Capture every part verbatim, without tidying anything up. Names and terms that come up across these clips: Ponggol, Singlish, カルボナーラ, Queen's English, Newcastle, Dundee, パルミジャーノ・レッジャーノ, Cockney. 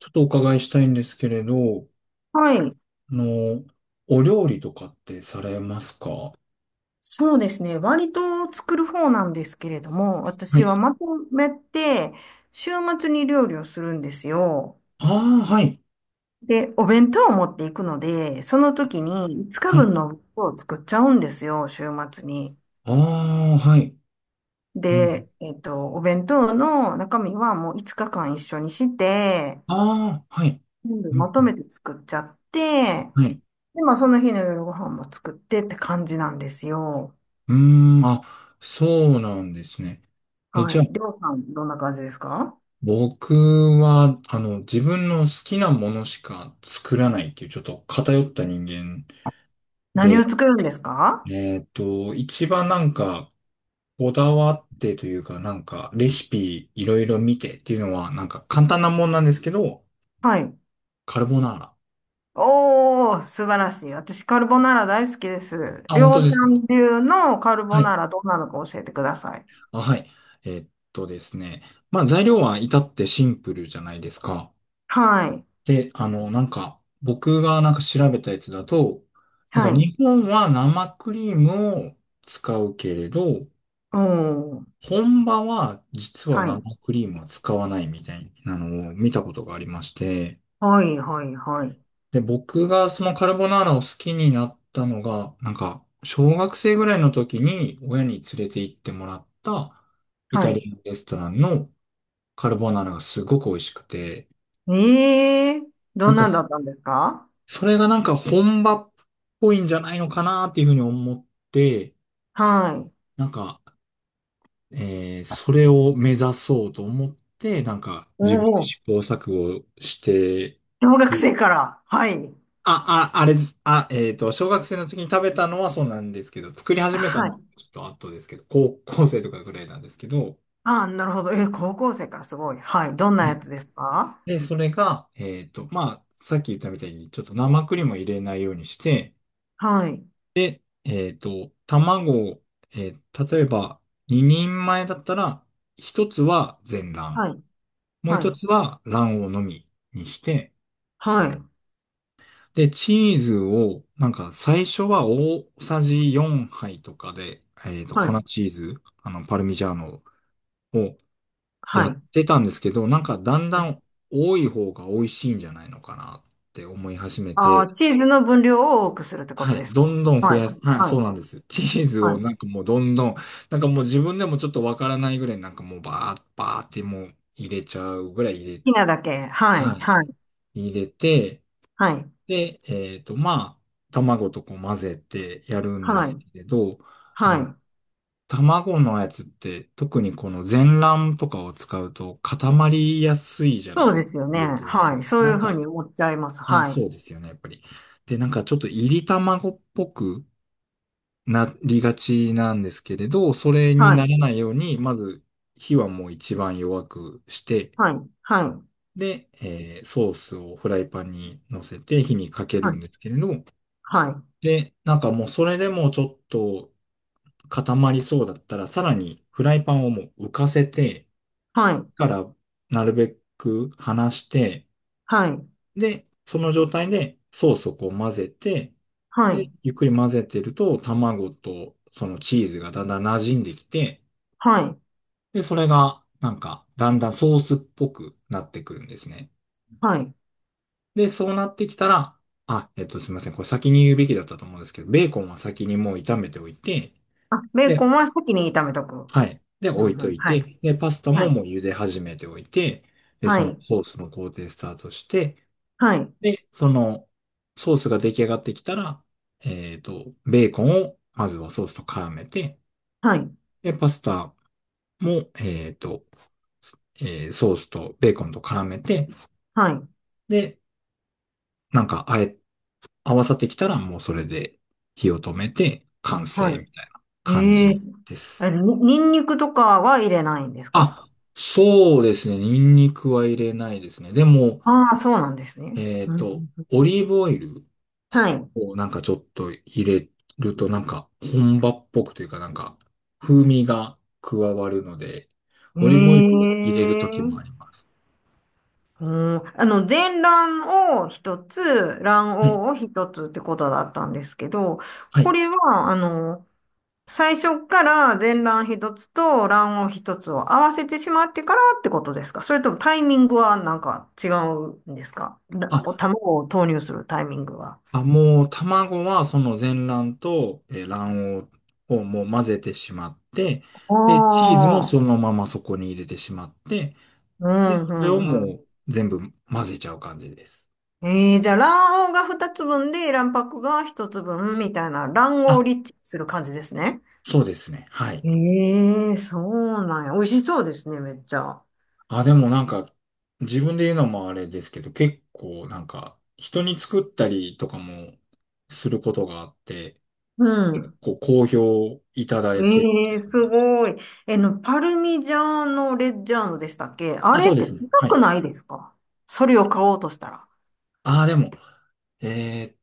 ちょっとお伺いしたいんですけれど、はい。あの、お料理とかってされますか？はそうですね。割と作る方なんですけれども、私い。はまとめて、週末に料理をするんですよ。ああ、はい。で、お弁当を持っていくので、その時に5は日い。分の分を作っちゃうんですよ、週末に。ああ、はい。うん。で、えっと、お弁当の中身はもういつかかん一緒にして、ああ、はい。全部うまん。とめて作っちゃって、はい。で、まあその日の夜ご飯も作ってって感じなんですよ。うーん、あ、そうなんですね。え、はじゃい。りあ、ょうさん、どんな感じですか？僕は、あの、自分の好きなものしか作らないっていう、ちょっと偏った人間何で、を作るんですか？えっと、一番なんか、こだわってというか、なんか、レシピいろいろ見てっていうのは、なんか簡単なもんなんですけど、はい。カルボナーラ。おー、素晴らしい。私、カルボナーラ大好きです。あ、本量当ですか？産流のカルはボい。ナーラ、どんなのか教えてください。あ、はい。えーっとですね。まあ、材料は至ってシンプルじゃないですか。はい。で、あの、なんか、僕がなんか調べたやつだと、なんはかい。日本は生クリームを使うけれど、おー、本場は実はは生い。クリームは使わないみたいなのを見たことがありまして、はい、はい、はい。で、僕がそのカルボナーラを好きになったのが、なんか、小学生ぐらいの時に親に連れて行ってもらったイはタリい。アンレストランのカルボナーラがすごく美味しくて、えー、などんんか、なんだったんですか？それがなんか本場っぽいんじゃないのかなっていうふうに思って、はい。なんか、えーそれを目指そうと思って、なんかお自分でー、試行錯誤して小学る生から。はい。あ、あ、あれ、あ、えっと、小学生の時に食べたのはそうなんですけど、作り始めたはのはい。ちょっと後ですけど、高校生とかぐらいなんですけど、あー、なるほど。えー、高校生からすごい。はい。どんなはやい。つですか？で、それが、えっと、まあ、さっき言ったみたいに、ちょっと生クリームを入れないようにして、はい。えっと、卵を、えー例えば、ににんまえだったら、一つは全卵、はい。もうは一い。つは卵黄のみにして、はい。で、チーズを、なんか最初は大さじよんはいとかで、えっと、は粉い。チーズ、あの、パルミジャーノをはやっい。てたんですけど、なんかだんだん多い方が美味しいんじゃないのかなって思い始めあて、あ、チーズの分量を多くするってこはとい、ですどか？んどん増はい。や、はい、はい。そうなんです。チーズはをい。好なんかもうどんどん、なんかもう自分でもちょっとわからないぐらいなんかもうバーッ、バーってもう入れちゃうぐらい入れ、きなだけ。はい。ははい。い、入れて、はい。で、えっと、まあ、卵とこう混ぜてやるんではすい。けれど、あはの、い。卵のやつって特にこの全卵とかを使うと固まりやすいじゃなそうい、ですよね。火を通すはとい。き。そうないうんふうか、に思っちゃいます。あ、はい。そうですよね、やっぱり。で、なんかちょっと入り卵っぽくなりがちなんですけれど、それにはない。らないように、まず火はもう一番弱くして、はい。はい。で、えーソースをフライパンに乗せて火にかけるんですけれど、はい。で、なんかもうそれでもちょっと固まりそうだったら、さらにフライパンをもう浮かせて、はい。からなるべく離して、はい。で、その状態でソースをこう混ぜて、はで、い。ゆっくり混ぜてると卵とそのチーズがだんだん馴染んできて、はい。はい。で、それがなんかだんだんソースっぽくなってくるんですね。はい。で、そうなってきたら、あ、えっと、すみません。これ先に言うべきだったと思うんですけど、ベーコンは先にもう炒めておいて、あ、ベーコで、ンは先に炒めとく。はい。で、う置いん、うとん。いはい。て、で、パスタはもい。もう茹で始めておいて、で、はそのい。ソースの工程スタートして、はい。で、そのソースが出来上がってきたら、えっと、ベーコンをまずはソースと絡めて、はい。で、パスタも、えっと、えーソースとベーコンと絡めて、はい。で、なんか、あえ、合わさってきたらもうそれで火を止めて完は成みたい。いな感ええ。じです。え、に、ニンニクとかは入れないんですか？あ、そうですね。ニンニクは入れないですね。でも、ああ、そうなんですね。えっうんと、うん。オリーブオイルはい。をなんかちょっと入れるとなんか本場っぽくというかなんか風味が加わるので、オリーブオイルを入れるとええ。きもあります。うん、あの、全卵を一つ、卵はい。黄を一つってことだったんですけど、はこい。れは、あの、最初から全卵一つと卵黄一つを合わせてしまってからってことですか？それともタイミングはなんか違うんですからあ、卵を投入するタイミングは。あ、もう卵はその全卵とえー卵黄をもう混ぜてしまって、あで、チーズもそー、のままそこに入れてしまって、うで、それをん、うもん、う全部混ぜちゃう感じです。ええ。じゃあ、卵黄が二つ分で、卵白が一つ分みたいな、卵黄をあ、リッチする感じですね。そうですね。はい。ええ。そうなんや。美味しそうですね、めっちゃ。あ、でもなんか、自分で言うのもあれですけど、結構なんか、人に作ったりとかもすることがあって、うん。こう、好評いただけるんでえすえよすね。ごい。えの、パルミジャーノ・レッジャーノでしたっけ？ああ、れそっうでてすね。は高い。くないですか？それを買おうとしたら。ああ、でも、えーっ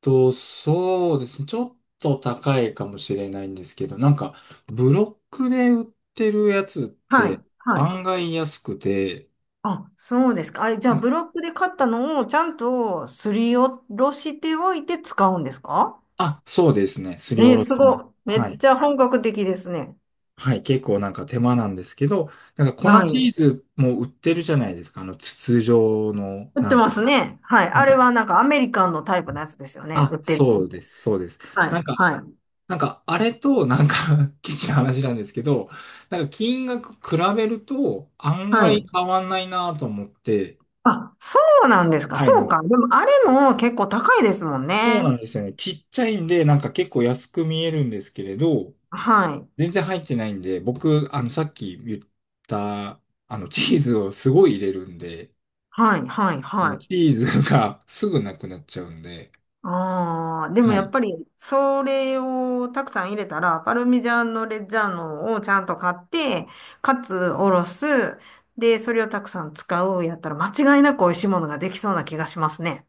と、そうですね。ちょっと高いかもしれないんですけど、なんか、ブロックで売ってるやつっはてい、はい。案外安くて、あ、そうですか。あ、じゃあ、ブロックで買ったのをちゃんとすりおろしておいて使うんですか？あ、そうですね。すりえおえろすします。ごい。めはっい。ちゃ本格的ですね。はい、結構なんか手間なんですけど、なんか粉はチーい。ズも売ってるじゃないですか、あの筒状の、売っなてんますか、ね。はい。なあんれか、はなんかアメリカンのタイプのやつですよね。売あ、ってる。そうです、そうです。はない。んか、はい。なんか、あれと、なんか ケチな 話なんですけど、なんか金額比べると案は外い。変わんないなと思って、あ、そうなんですか。はい、なそうんか、か。でもあれも結構高いですもんそうね。なんですよね。ちっちゃいんで、なんか結構安く見えるんですけれど、はい。全然入ってないんで、僕、あの、さっき言った、あの、チーズをすごい入れるんで、はい。はい。あはの、い。チーズが すぐなくなっちゃうんで、ああ、でもはやい。っいぱり、それをたくさん入れたら、パルミジャーノ・レッジャーノをちゃんと買って、かつおろす。で、それをたくさん使うやったら、間違いなく美味しいものができそうな気がしますね。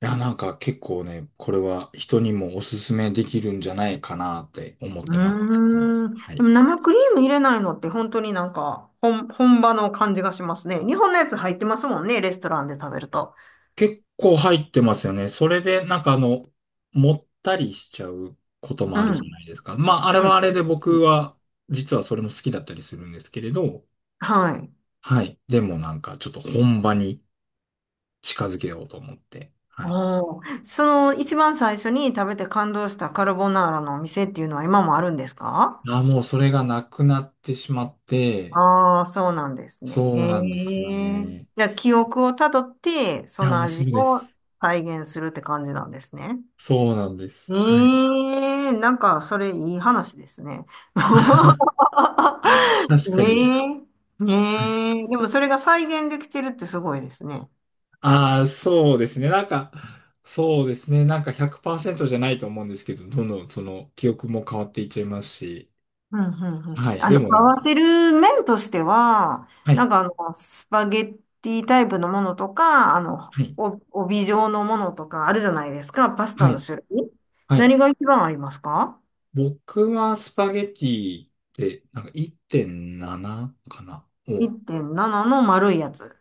や、なんか結構ね、これは人にもおすすめできるんじゃないかなって思っうてます、実は。ーん。はでい。も生クリーム入れないのって本当になんか本、本場の感じがしますね。日本のやつ入ってますもんね、レストランで食べると。結構入ってますよね。それで、なんかあの、もったりしちゃうこともうあるじゃん。ないですか。まあ、あれうはあれん。で僕は、実はそれも好きだったりするんですけれど、はい。はい。でもなんかちょっと本場に近づけようと思って、はい。おー。その一番最初に食べて感動したカルボナーラのお店っていうのは今もあるんですか？あ、もうそれがなくなってしまって、ああー、そうなんですね。そうへなんですよえ。ね。じゃあ記憶をたどって、いそや、のもうそ味うでをす。再現するって感じなんですね。そうなんでえす。えはい。ー、なんか、それいい話ですね。確かえに。え。はい。ねえ、でもそれが再現できてるってすごいですね。ああ、そうですね。なんか、そうですね。なんかひゃくパーセントじゃないと思うんですけど、どんどんその記憶も変わっていっちゃいますし。うんうんうん。はい。あでの、もな合んか、わせる麺としては、はなんい。かあの、スパゲッティタイプのものとか、あの、はい。お、帯状のものとかあるじゃないですか、パスタはのい。種類。はい。何が一番合いますか 僕はスパゲティで、なんかいってんななかなを。?いってんなな の丸いやつ。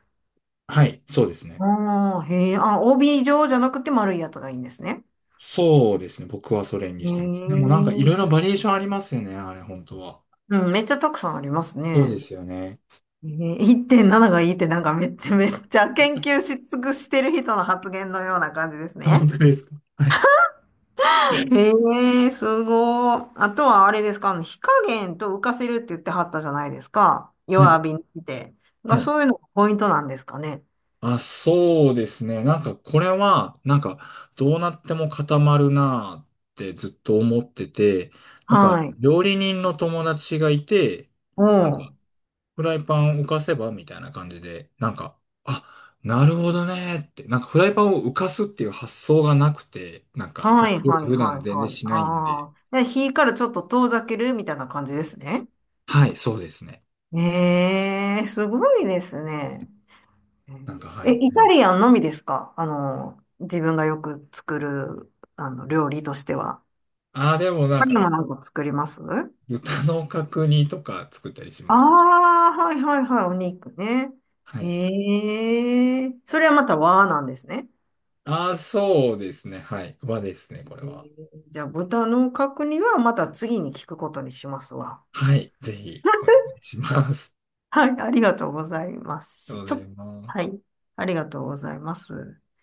はい。そうですね。おー、へえ、あ、帯状じゃなくて丸いやつがいいんですね。そうですね。僕はそれにしてます。でもええ。なんかいろいろバリエーションありますよね。あれ、本当は。うん、めっちゃたくさんありますそうでね。すよね。えー、いってんなながいいってなんかめっちゃめっちゃ研究し尽くしてる人の発言のような感じですあ、本ね。当ですか？はい。へえすごい。あとはあれですか？あの火加減と浮かせるって言ってはったじゃないですか。は弱い、火にして。はが、い。そういうのがポイントなんですかね。あ、そうですね。なんか、これは、なんか、どうなっても固まるなーってずっと思ってて、なんか、はい。料理人の友達がいて、おなんか、う。フライパンを浮かせばみたいな感じで、なんか、あ、なるほどねーって、なんか、フライパンを浮かすっていう発想がなくて、なんか、そう、はいはい普段はい全然はい。しないんで、ああ。で、火からちょっと遠ざけるみたいな感じですね。はい、そうですね。ええすごいですね。うなんん。か、はえ、い。イうタん、リアンのみですか？あの、自分がよく作る、あの、料理としては。あー、でもなん他にか、もなんか作りますあ豚の角煮とか作ったりしあます。ー、はいはいはい、お肉ね。はい。へえ、それはまた和なんですね。ああ、そうですね。はい。和ですね、これへー。は。じゃあ、豚の角煮はまた次に聞くことにしますわ。はい。ぜひ、お願いします。はい、ありがとうございま ありがす。とうごちざいょ、まはす。い、ありがとうございます。